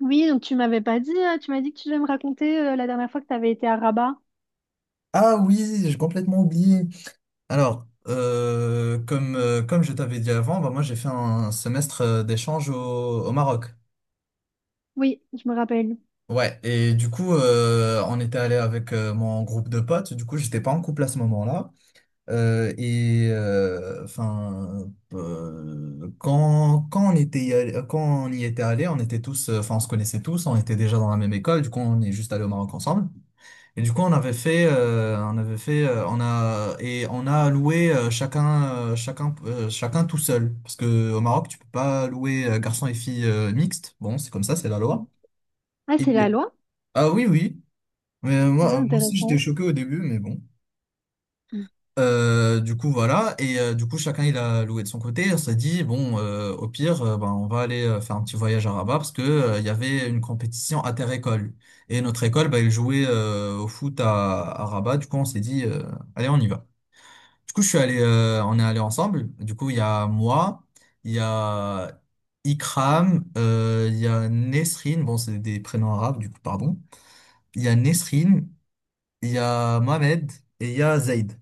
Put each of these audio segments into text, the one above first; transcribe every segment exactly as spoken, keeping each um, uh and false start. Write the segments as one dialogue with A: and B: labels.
A: Oui, donc tu m'avais pas dit, euh, tu m'as dit que tu devais me raconter euh, la dernière fois que tu avais été à Rabat.
B: Ah oui, j'ai complètement oublié. Alors, euh, comme, euh, comme je t'avais dit avant, bah, moi j'ai fait un semestre euh, d'échange au, au Maroc.
A: Oui, je me rappelle.
B: Ouais, et du coup, euh, on était allé avec euh, mon groupe de potes. Du coup, j'étais pas en couple à ce moment-là. Euh, et euh, enfin, euh, quand, quand on était y allé- quand on y était allé, on était tous, euh, enfin, on se connaissait tous, on était déjà dans la même école. Du coup, on est juste allé au Maroc ensemble. Et du coup, on avait fait, euh, on avait fait, euh, on a et on a loué euh, chacun, euh, chacun, euh, chacun tout seul. Parce que au Maroc, tu peux pas louer euh, garçons et filles euh, mixtes. Bon, c'est comme ça, c'est la
A: Mm.
B: loi.
A: Ah, c'est la
B: Et-
A: loi?
B: ah oui, oui. Mais moi,
A: Ah,
B: euh, moi aussi, j'étais
A: intéressant.
B: choqué au début, mais bon.
A: Mm.
B: Euh, du coup voilà, et euh, du coup chacun il a loué de son côté. On s'est dit bon, euh, au pire, euh, ben, on va aller euh, faire un petit voyage à Rabat, parce que euh, il y avait une compétition inter-école, et notre école, ben, elle jouait euh, au foot à, à Rabat. Du coup on s'est dit, euh, allez, on y va. Du coup je suis allé euh, on est allé ensemble. Du coup il y a moi, il y a Ikram, euh, il y a Nesrine, bon c'est des prénoms arabes du coup, pardon. Il y a Nesrine, il y a Mohamed, et il y a Zaid.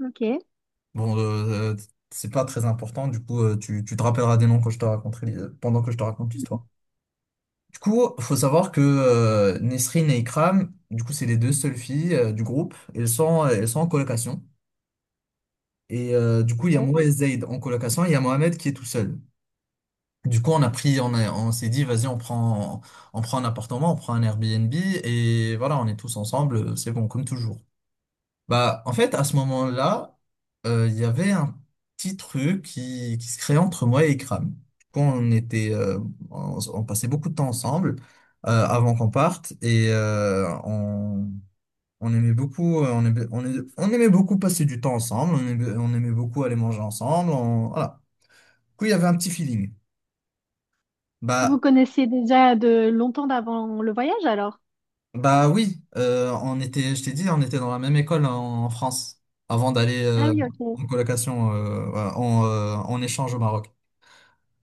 A: Ok.
B: Bon, euh, euh, c'est pas très important, du coup, euh, tu, tu te rappelleras des noms quand je te raconterai, les- pendant que je te raconte l'histoire. Du coup, faut savoir que euh, Nesrine et Ikram, du coup, c'est les deux seules filles euh, du groupe. Elles sont, euh, elles sont en colocation. Et euh, du coup, il y a
A: Ouais.
B: moi et Zaid en colocation, et il y a Mohamed qui est tout seul. Du coup, on a pris, on a, on s'est dit, vas-y, on prend, on prend un appartement, on prend un Airbnb, et voilà, on est tous ensemble, euh, c'est bon, comme toujours. Bah, en fait, à ce moment-là, euh, il y avait un petit truc qui, qui se créait entre moi et Ikram. Quand on était, euh, on, on passait beaucoup de temps ensemble euh, avant qu'on parte, et euh, on, on aimait beaucoup, euh, on aimait, on aimait, on aimait beaucoup passer du temps ensemble. On aimait, on aimait beaucoup aller manger ensemble. On- voilà. Du coup, il y avait un petit feeling.
A: Vous
B: Bah,
A: connaissiez déjà de longtemps d'avant le voyage alors?
B: bah oui, euh, on était, je t'ai dit, on était dans la même école en, en France avant d'aller
A: Ah
B: euh,
A: oui, ok.
B: en colocation, euh, voilà, en, euh, en échange au Maroc.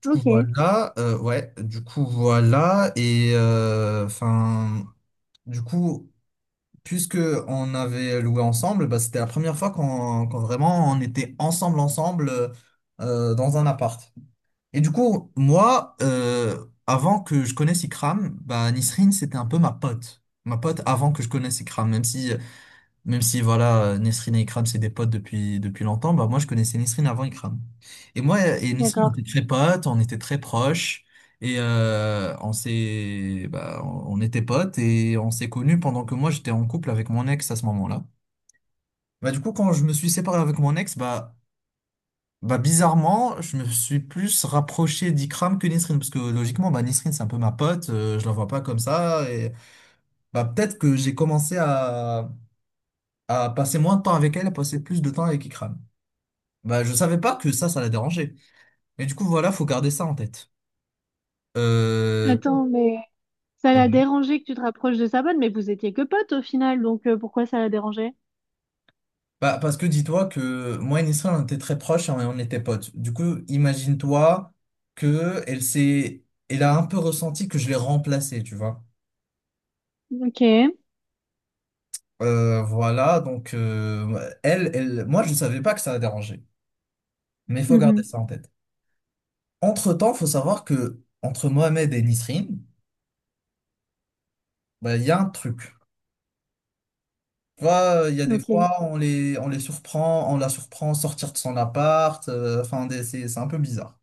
B: Du coup
A: Ok,
B: voilà, euh, ouais, du coup voilà, et euh, enfin, du coup, puisque on avait loué ensemble, bah, c'était la première fois qu'on qu'on vraiment on était ensemble, ensemble, euh, euh, dans un appart. Et du coup, moi, euh, avant que je connaisse Ikram, bah, Nisrine, c'était un peu ma pote. Ma pote avant que je connaisse Ikram, même si même si voilà, euh, Nesrine et Ikram, c'est des potes depuis, depuis longtemps, bah moi je connaissais Nesrine avant Ikram. Et moi et Nesrine, on
A: d'accord.
B: était très potes, on était très proches, et euh, on s'est, bah, on on était potes et on s'est connus pendant que moi j'étais en couple avec mon ex à ce moment-là. Bah du coup, quand je me suis séparé avec mon ex, bah, bah bizarrement, je me suis plus rapproché d'Ikram que Nesrine, parce que logiquement, bah Nesrine c'est un peu ma pote, euh, je la vois pas comme ça, et bah peut-être que j'ai commencé à, à passer moins de temps avec elle, à passer plus de temps avec Ikram. Bah, je savais pas que ça, ça la dérangeait. Et du coup, voilà, faut garder ça en tête. Euh...
A: Attends, mais ça l'a
B: bon.
A: dérangé que tu te rapproches de sa bonne, mais vous étiez que potes au final, donc euh, pourquoi ça l'a dérangé?
B: Bah, parce que dis-toi que moi et Nisrin, on était très proches et on était potes. Du coup, imagine-toi que elle s'est... elle a un peu ressenti que je l'ai remplacée, tu vois.
A: Ok.
B: Euh, voilà, donc euh, elle, elle, moi, je savais pas que ça la dérangeait. Mais il faut garder
A: Mhm.
B: ça en tête. Entre-temps, faut savoir que entre Mohamed et Nisrin, bah, il y a un truc. Tu vois, euh, il y a des
A: Ok.
B: fois, on les, on les surprend, on la surprend sortir de son appart. euh, Enfin, des- c'est c'est un peu bizarre.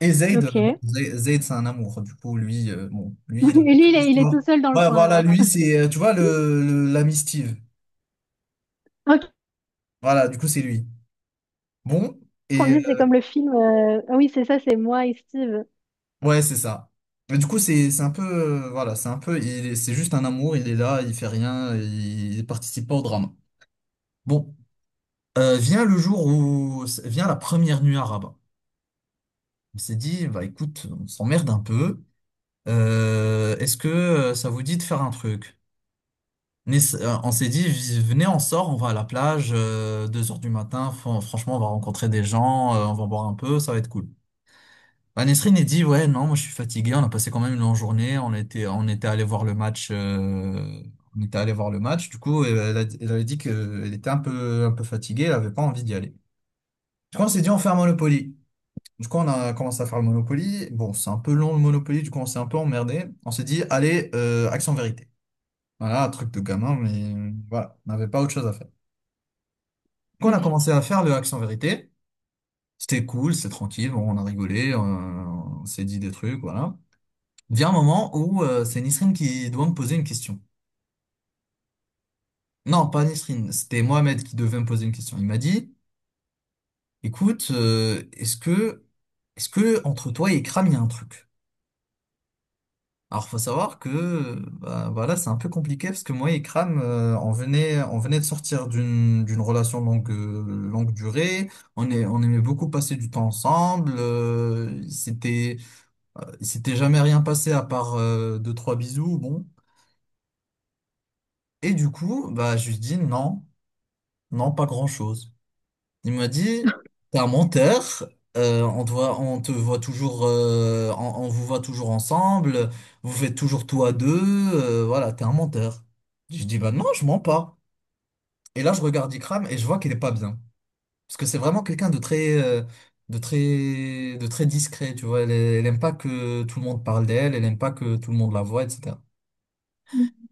B: Et Zayd, euh,
A: Ok.
B: bon,
A: Et
B: Zay- Zayd, c'est un amour. Du coup, lui, euh, bon, lui, il a
A: lui,
B: toute
A: il est, il est
B: l'histoire.
A: tout seul dans le
B: Ouais,
A: coin
B: voilà,
A: alors.
B: lui, c'est, euh, tu vois, le, le- l'ami Steve.
A: Ok.
B: Voilà, du coup, c'est lui. Bon,
A: Qu'on
B: et
A: dit, c'est
B: euh,
A: comme le film. euh, Ah oui, c'est ça, c'est moi et Steve.
B: ouais, c'est ça. Mais du coup, c'est c'est un peu, euh, voilà, c'est un peu, il est- c'est juste un amour. Il est là, il fait rien, il participe pas au drame. Bon, euh, vient le jour où vient la première nuit arabe. On s'est dit, bah écoute, on s'emmerde un peu. Euh, est-ce que euh, ça vous dit de faire un truc? On essa- euh, on s'est dit, vi- venez, on sort, on va à la plage, euh, deux heures du matin, fran- franchement, on va rencontrer des gens, euh, on va boire un peu, ça va être cool. Bah, Nesrine a dit, ouais, non, moi je suis fatigué, on a passé quand même une longue journée, on était, on était allé voir le match, euh, on était allé voir le match, du coup, elle, a- elle avait dit qu'elle était un peu, un peu fatiguée, elle avait pas envie d'y aller. Du coup, on s'est dit, on fait un Monopoly. Du coup, on a commencé à faire le Monopoly. Bon, c'est un peu long le Monopoly, du coup, on s'est un peu emmerdé. On s'est dit, allez, euh, Action Vérité. Voilà, un truc de gamin, mais euh, voilà, on n'avait pas autre chose à faire. Quand on a commencé à faire le Action Vérité, c'était cool, c'était tranquille, bon, on a rigolé, euh, on s'est dit des trucs, voilà. Vient un moment où euh, c'est Nisrine qui doit me poser une question. Non, pas Nisrine, c'était Mohamed qui devait me poser une question. Il m'a dit, écoute, euh, est-ce que, est-ce que entre toi et Kram, il y a un truc? Alors, faut savoir que euh, bah, voilà, c'est un peu compliqué parce que moi et Kram, euh, on venait, on venait de sortir d'une d'une relation longue, euh, longue durée. On est, on aimait beaucoup passer du temps ensemble. Euh, c'était, euh, il s'était jamais rien passé à part euh, deux, trois bisous, bon. Et du coup, bah, je lui dis non, non, pas grand-chose. Il m'a dit, t'es un menteur, euh, on te voit, on te voit toujours, euh, on, on vous voit toujours ensemble, vous faites toujours tout à deux, euh, voilà, t'es un menteur. Je dis, bah non, je mens pas. Et là, je regarde Ikram et je vois qu'il est pas bien. Parce que c'est vraiment quelqu'un de très, euh, de très, de très discret, tu vois. Elle, elle aime pas que tout le monde parle d'elle, elle aime pas que tout le monde la voit, et cetera.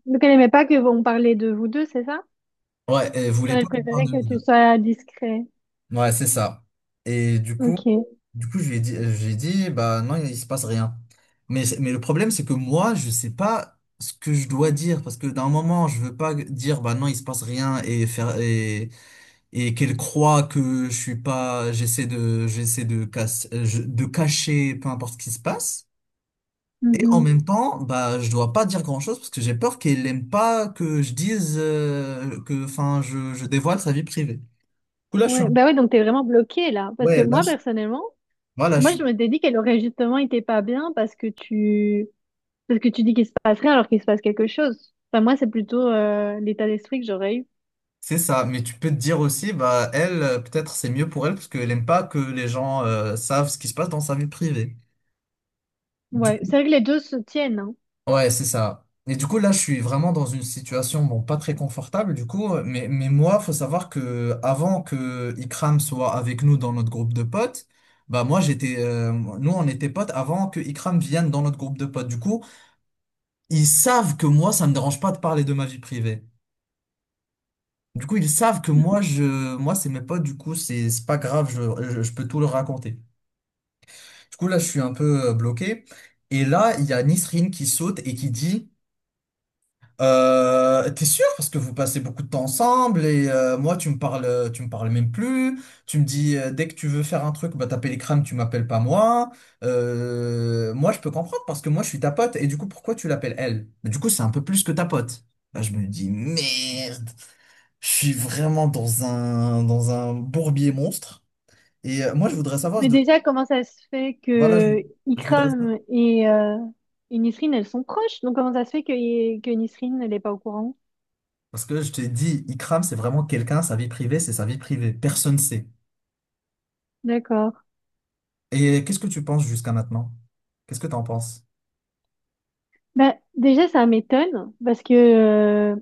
A: Donc elle aimait pas que on parlait de vous deux, c'est ça?
B: Ouais, elle voulait
A: Genre
B: pas
A: elle
B: qu'on parle
A: préférait
B: de
A: que
B: nous.
A: tu sois discret.
B: Ouais, c'est ça. Et du coup,
A: Ok.
B: du coup, je lui ai dit, je lui ai dit, bah non, il se passe rien. Mais, c'est- mais le problème, c'est que moi, je sais pas ce que je dois dire, parce que d'un moment, je veux pas dire, bah non, il se passe rien et faire, et, et qu'elle croit que je suis pas, j'essaie de, j'essaie de casse- euh, je- de cacher peu importe ce qui se passe. Et en
A: Mhm.
B: même temps, bah, je dois pas dire grand-chose parce que j'ai peur qu'elle aime pas que je dise euh, que, enfin, je, je dévoile sa vie privée. Du coup, là, je suis...
A: Ouais. Bah ouais, donc t'es vraiment bloqué là. Parce que
B: Ouais, là,
A: moi
B: je-
A: personnellement,
B: voilà,
A: moi
B: je...
A: je m'étais dit qu'elle aurait justement été pas bien parce que tu parce que tu dis qu'il se passe rien alors qu'il se passe quelque chose. Enfin moi c'est plutôt euh, l'état d'esprit que j'aurais eu.
B: C'est ça, mais tu peux te dire aussi, bah elle, euh, peut-être c'est mieux pour elle parce qu'elle aime pas que les gens euh, savent ce qui se passe dans sa vie privée. Du
A: Ouais.
B: coup,
A: C'est vrai que les deux se tiennent, hein.
B: ouais, c'est ça. Et du coup, là, je suis vraiment dans une situation, bon, pas très confortable, du coup, mais, mais moi, faut savoir que avant que Ikram soit avec nous dans notre groupe de potes, bah moi, j'étais, euh, nous, on était potes avant que Ikram vienne dans notre groupe de potes. Du coup, ils savent que moi, ça me dérange pas de parler de ma vie privée. Du coup, ils savent que moi,
A: Mhm.
B: je, moi, c'est mes potes, du coup, c'est c'est pas grave, je, je, je peux tout leur raconter. Du coup, là, je suis un peu euh, bloqué. Et là, il y a Nisrine qui saute et qui dit, euh, t'es sûr? Parce que vous passez beaucoup de temps ensemble et euh, moi, tu me parles, tu me parles même plus. Tu me dis, euh, dès que tu veux faire un truc, bah, t'appelles les crânes, tu m'appelles pas moi. Euh, moi, je peux comprendre parce que moi, je suis ta pote. Et du coup, pourquoi tu l'appelles elle? Mais du coup, c'est un peu plus que ta pote. Là, je me dis, merde. Je suis vraiment dans un, dans un bourbier monstre. Et euh, moi, je voudrais savoir,
A: Mais
B: de...
A: déjà comment ça se fait
B: voilà, je,
A: que
B: je voudrais savoir.
A: Ikram et, euh, et Nisrine elles sont proches? Donc comment ça se fait que, que Nisrine elle est pas au courant?
B: Parce que je t'ai dit, Ikram, c'est vraiment quelqu'un, sa vie privée, c'est sa vie privée. Personne sait.
A: D'accord.
B: Et qu'est-ce que tu penses jusqu'à maintenant? Qu'est-ce que t'en penses?
A: Bah, déjà, ça m'étonne parce que euh,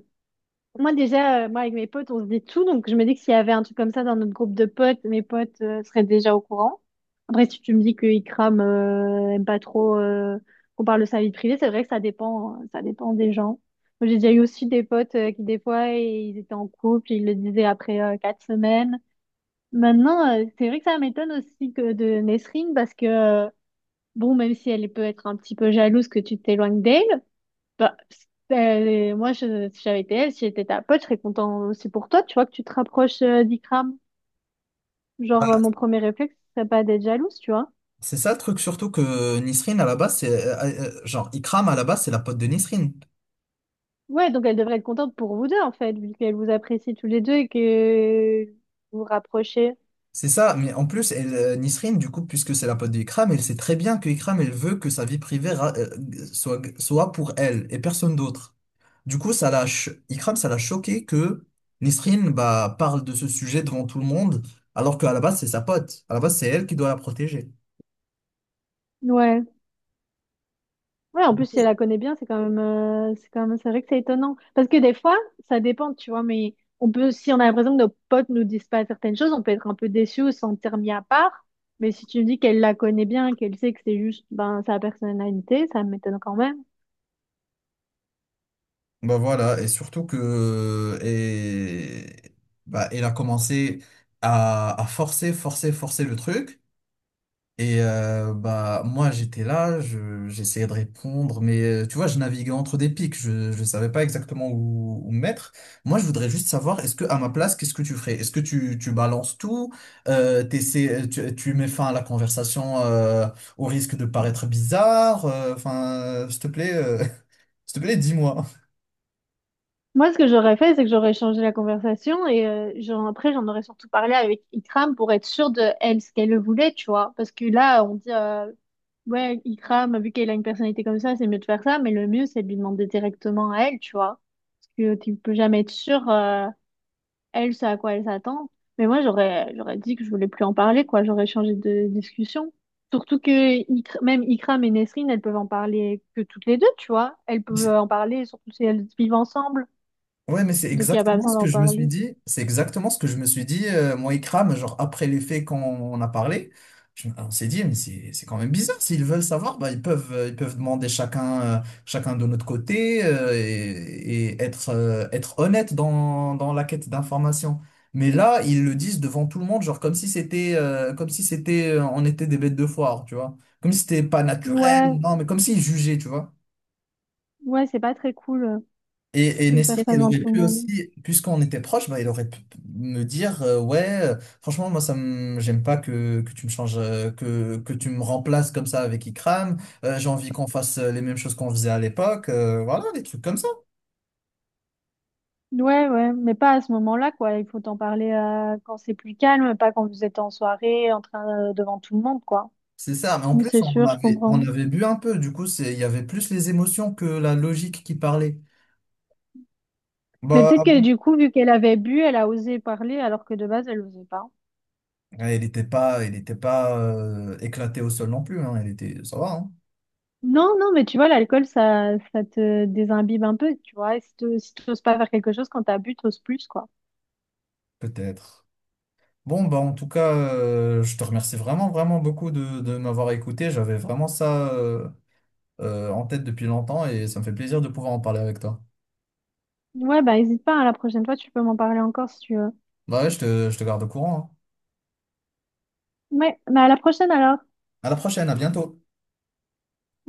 A: moi, déjà, euh, moi, avec mes potes, on se dit tout. Donc, je me dis que s'il y avait un truc comme ça dans notre groupe de potes, mes potes euh, seraient déjà au courant. Après, si tu me dis que Ikram euh, aime pas trop euh, qu'on parle de sa vie privée, c'est vrai que ça dépend, euh, ça dépend des gens. Moi, j'ai déjà eu aussi des potes euh, qui, des fois, ils étaient en couple, ils le disaient après euh, quatre semaines. Maintenant, euh, c'est vrai que ça m'étonne aussi que de Nesrine parce que, euh, bon, même si elle peut être un petit peu jalouse que tu t'éloignes d'elle, bah, c'est- moi, je, si j'avais été elle, si j'étais ta pote, je serais content aussi pour toi, tu vois, que tu te rapproches euh, d'Ikram. Genre, euh, mon premier réflexe, ce serait pas d'être jalouse, tu vois.
B: C'est ça le truc, surtout que Nisrine, à la base, c'est. Euh, euh, genre, Ikram, à la base, c'est la pote de Nisrine.
A: Ouais, donc elle devrait être contente pour vous deux, en fait, vu qu'elle vous apprécie tous les deux et que vous vous rapprochez.
B: C'est ça, mais en plus, elle, euh, Nisrine, du coup, puisque c'est la pote d'Ikram, elle sait très bien que Ikram, elle veut que sa vie privée ra- euh, soit, soit pour elle et personne d'autre. Du coup, ça l'a cho- Ikram, ça l'a choqué que Nisrine bah, parle de ce sujet devant tout le monde, alors qu'à la base, c'est sa pote. À la base, c'est elle qui doit la protéger.
A: Ouais. Ouais, en plus, si elle la connaît bien, c'est quand même, euh, c'est quand même, c'est vrai que c'est étonnant. Parce que des fois, ça dépend, tu vois, mais on peut, si on a l'impression que nos potes nous disent pas certaines choses, on peut être un peu déçu ou se sentir mis à part. Mais si tu me dis qu'elle la connaît bien, qu'elle sait que c'est juste, ben, sa personnalité, ça m'étonne quand même.
B: Bah voilà, et surtout que. Et. Bah, elle a commencé à, à forcer, forcer, forcer le truc. Et euh, bah moi j'étais là, je, j'essayais de répondre, mais euh, tu vois je naviguais entre des pics, je je savais pas exactement où, où me mettre. Moi je voudrais juste savoir est-ce que à ma place qu'est-ce que tu ferais? Est-ce que tu tu balances tout, euh, t'essaies- tu tu mets fin à la conversation euh, au risque de paraître bizarre, euh, enfin euh, s'il te plaît euh, s'il te plaît dis-moi.
A: Moi, ce que j'aurais fait, c'est que j'aurais changé la conversation et euh, j'en- après, j'en aurais surtout parlé avec Ikram pour être sûre de elle, ce qu'elle voulait, tu vois. Parce que là, on dit, euh, ouais, Ikram, vu qu'elle a une personnalité comme ça, c'est mieux de faire ça, mais le mieux, c'est de lui demander directement à elle, tu vois. Parce que tu peux jamais être sûre, euh, elle, c'est à quoi elle s'attend. Mais moi, j'aurais, j'aurais dit que je voulais plus en parler, quoi. J'aurais changé de discussion. Surtout que Ikr- même Ikram et Nesrine, elles peuvent en parler que toutes les deux, tu vois. Elles peuvent en parler, surtout si elles vivent ensemble.
B: Ouais, mais c'est
A: Donc, il n'y a pas
B: exactement
A: besoin
B: ce que
A: d'en
B: je me suis
A: parler.
B: dit. C'est exactement ce que je me suis dit, euh, moi, Ikram, genre après les faits qu'on on a parlé. Je- on s'est dit, mais c'est c'est quand même bizarre. S'ils veulent savoir, bah, ils peuvent, euh, ils peuvent demander chacun, euh, chacun de notre côté euh, et, et être, euh, être honnête dans, dans la quête d'informations. Mais là, ils le disent devant tout le monde, genre comme si c'était, euh, comme si c'était, euh, on était des bêtes de foire, tu vois. Comme si c'était pas
A: Ouais,
B: naturel, non, mais comme s'ils jugeaient, tu vois.
A: ouais, c'est pas très cool euh,
B: Et, et
A: de faire
B: Nesrine,
A: ça
B: il
A: devant
B: aurait
A: tout le
B: pu
A: monde.
B: aussi, puisqu'on était proche, bah, il aurait pu me dire, euh, ouais, euh, franchement, moi, ça me, j'aime pas que, que tu me changes, euh, que, que tu me remplaces comme ça avec Ikram. Euh, j'ai envie qu'on fasse euh, les mêmes choses qu'on faisait à l'époque. Euh, voilà, des trucs comme ça.
A: Ouais, ouais, mais pas à ce moment-là, quoi. Il faut en parler euh, quand c'est plus calme, pas quand vous êtes en soirée, en train euh, devant tout le monde, quoi.
B: C'est ça. Mais en
A: Non, c'est
B: plus, on
A: sûr, je
B: avait, on
A: comprends.
B: avait bu un peu. Du coup, c'est, il y avait plus les émotions que la logique qui parlait.
A: Mais
B: Bah, ah
A: peut-être que
B: bon.
A: du coup, vu qu'elle avait bu, elle a osé parler alors que de base, elle osait pas.
B: Ouais, Il n'était pas, il était pas euh, éclaté au sol non plus, hein. Il était, ça va, hein,
A: Non, non, mais tu vois, l'alcool, ça, ça te désimbibe un peu, tu vois. Et si tu n'oses pas faire quelque chose, quand t'as bu, t'oses plus, quoi.
B: peut-être. Bon, bah, en tout cas, euh, je te remercie vraiment, vraiment beaucoup de, de m'avoir écouté. J'avais vraiment ça euh, euh, en tête depuis longtemps et ça me fait plaisir de pouvoir en parler avec toi.
A: Ouais, bah hésite pas, hein, la prochaine fois, tu peux m'en parler encore si tu veux.
B: Bah ouais, je te, je te garde au courant, hein.
A: Ouais, bah à la prochaine alors.
B: À la prochaine, à bientôt.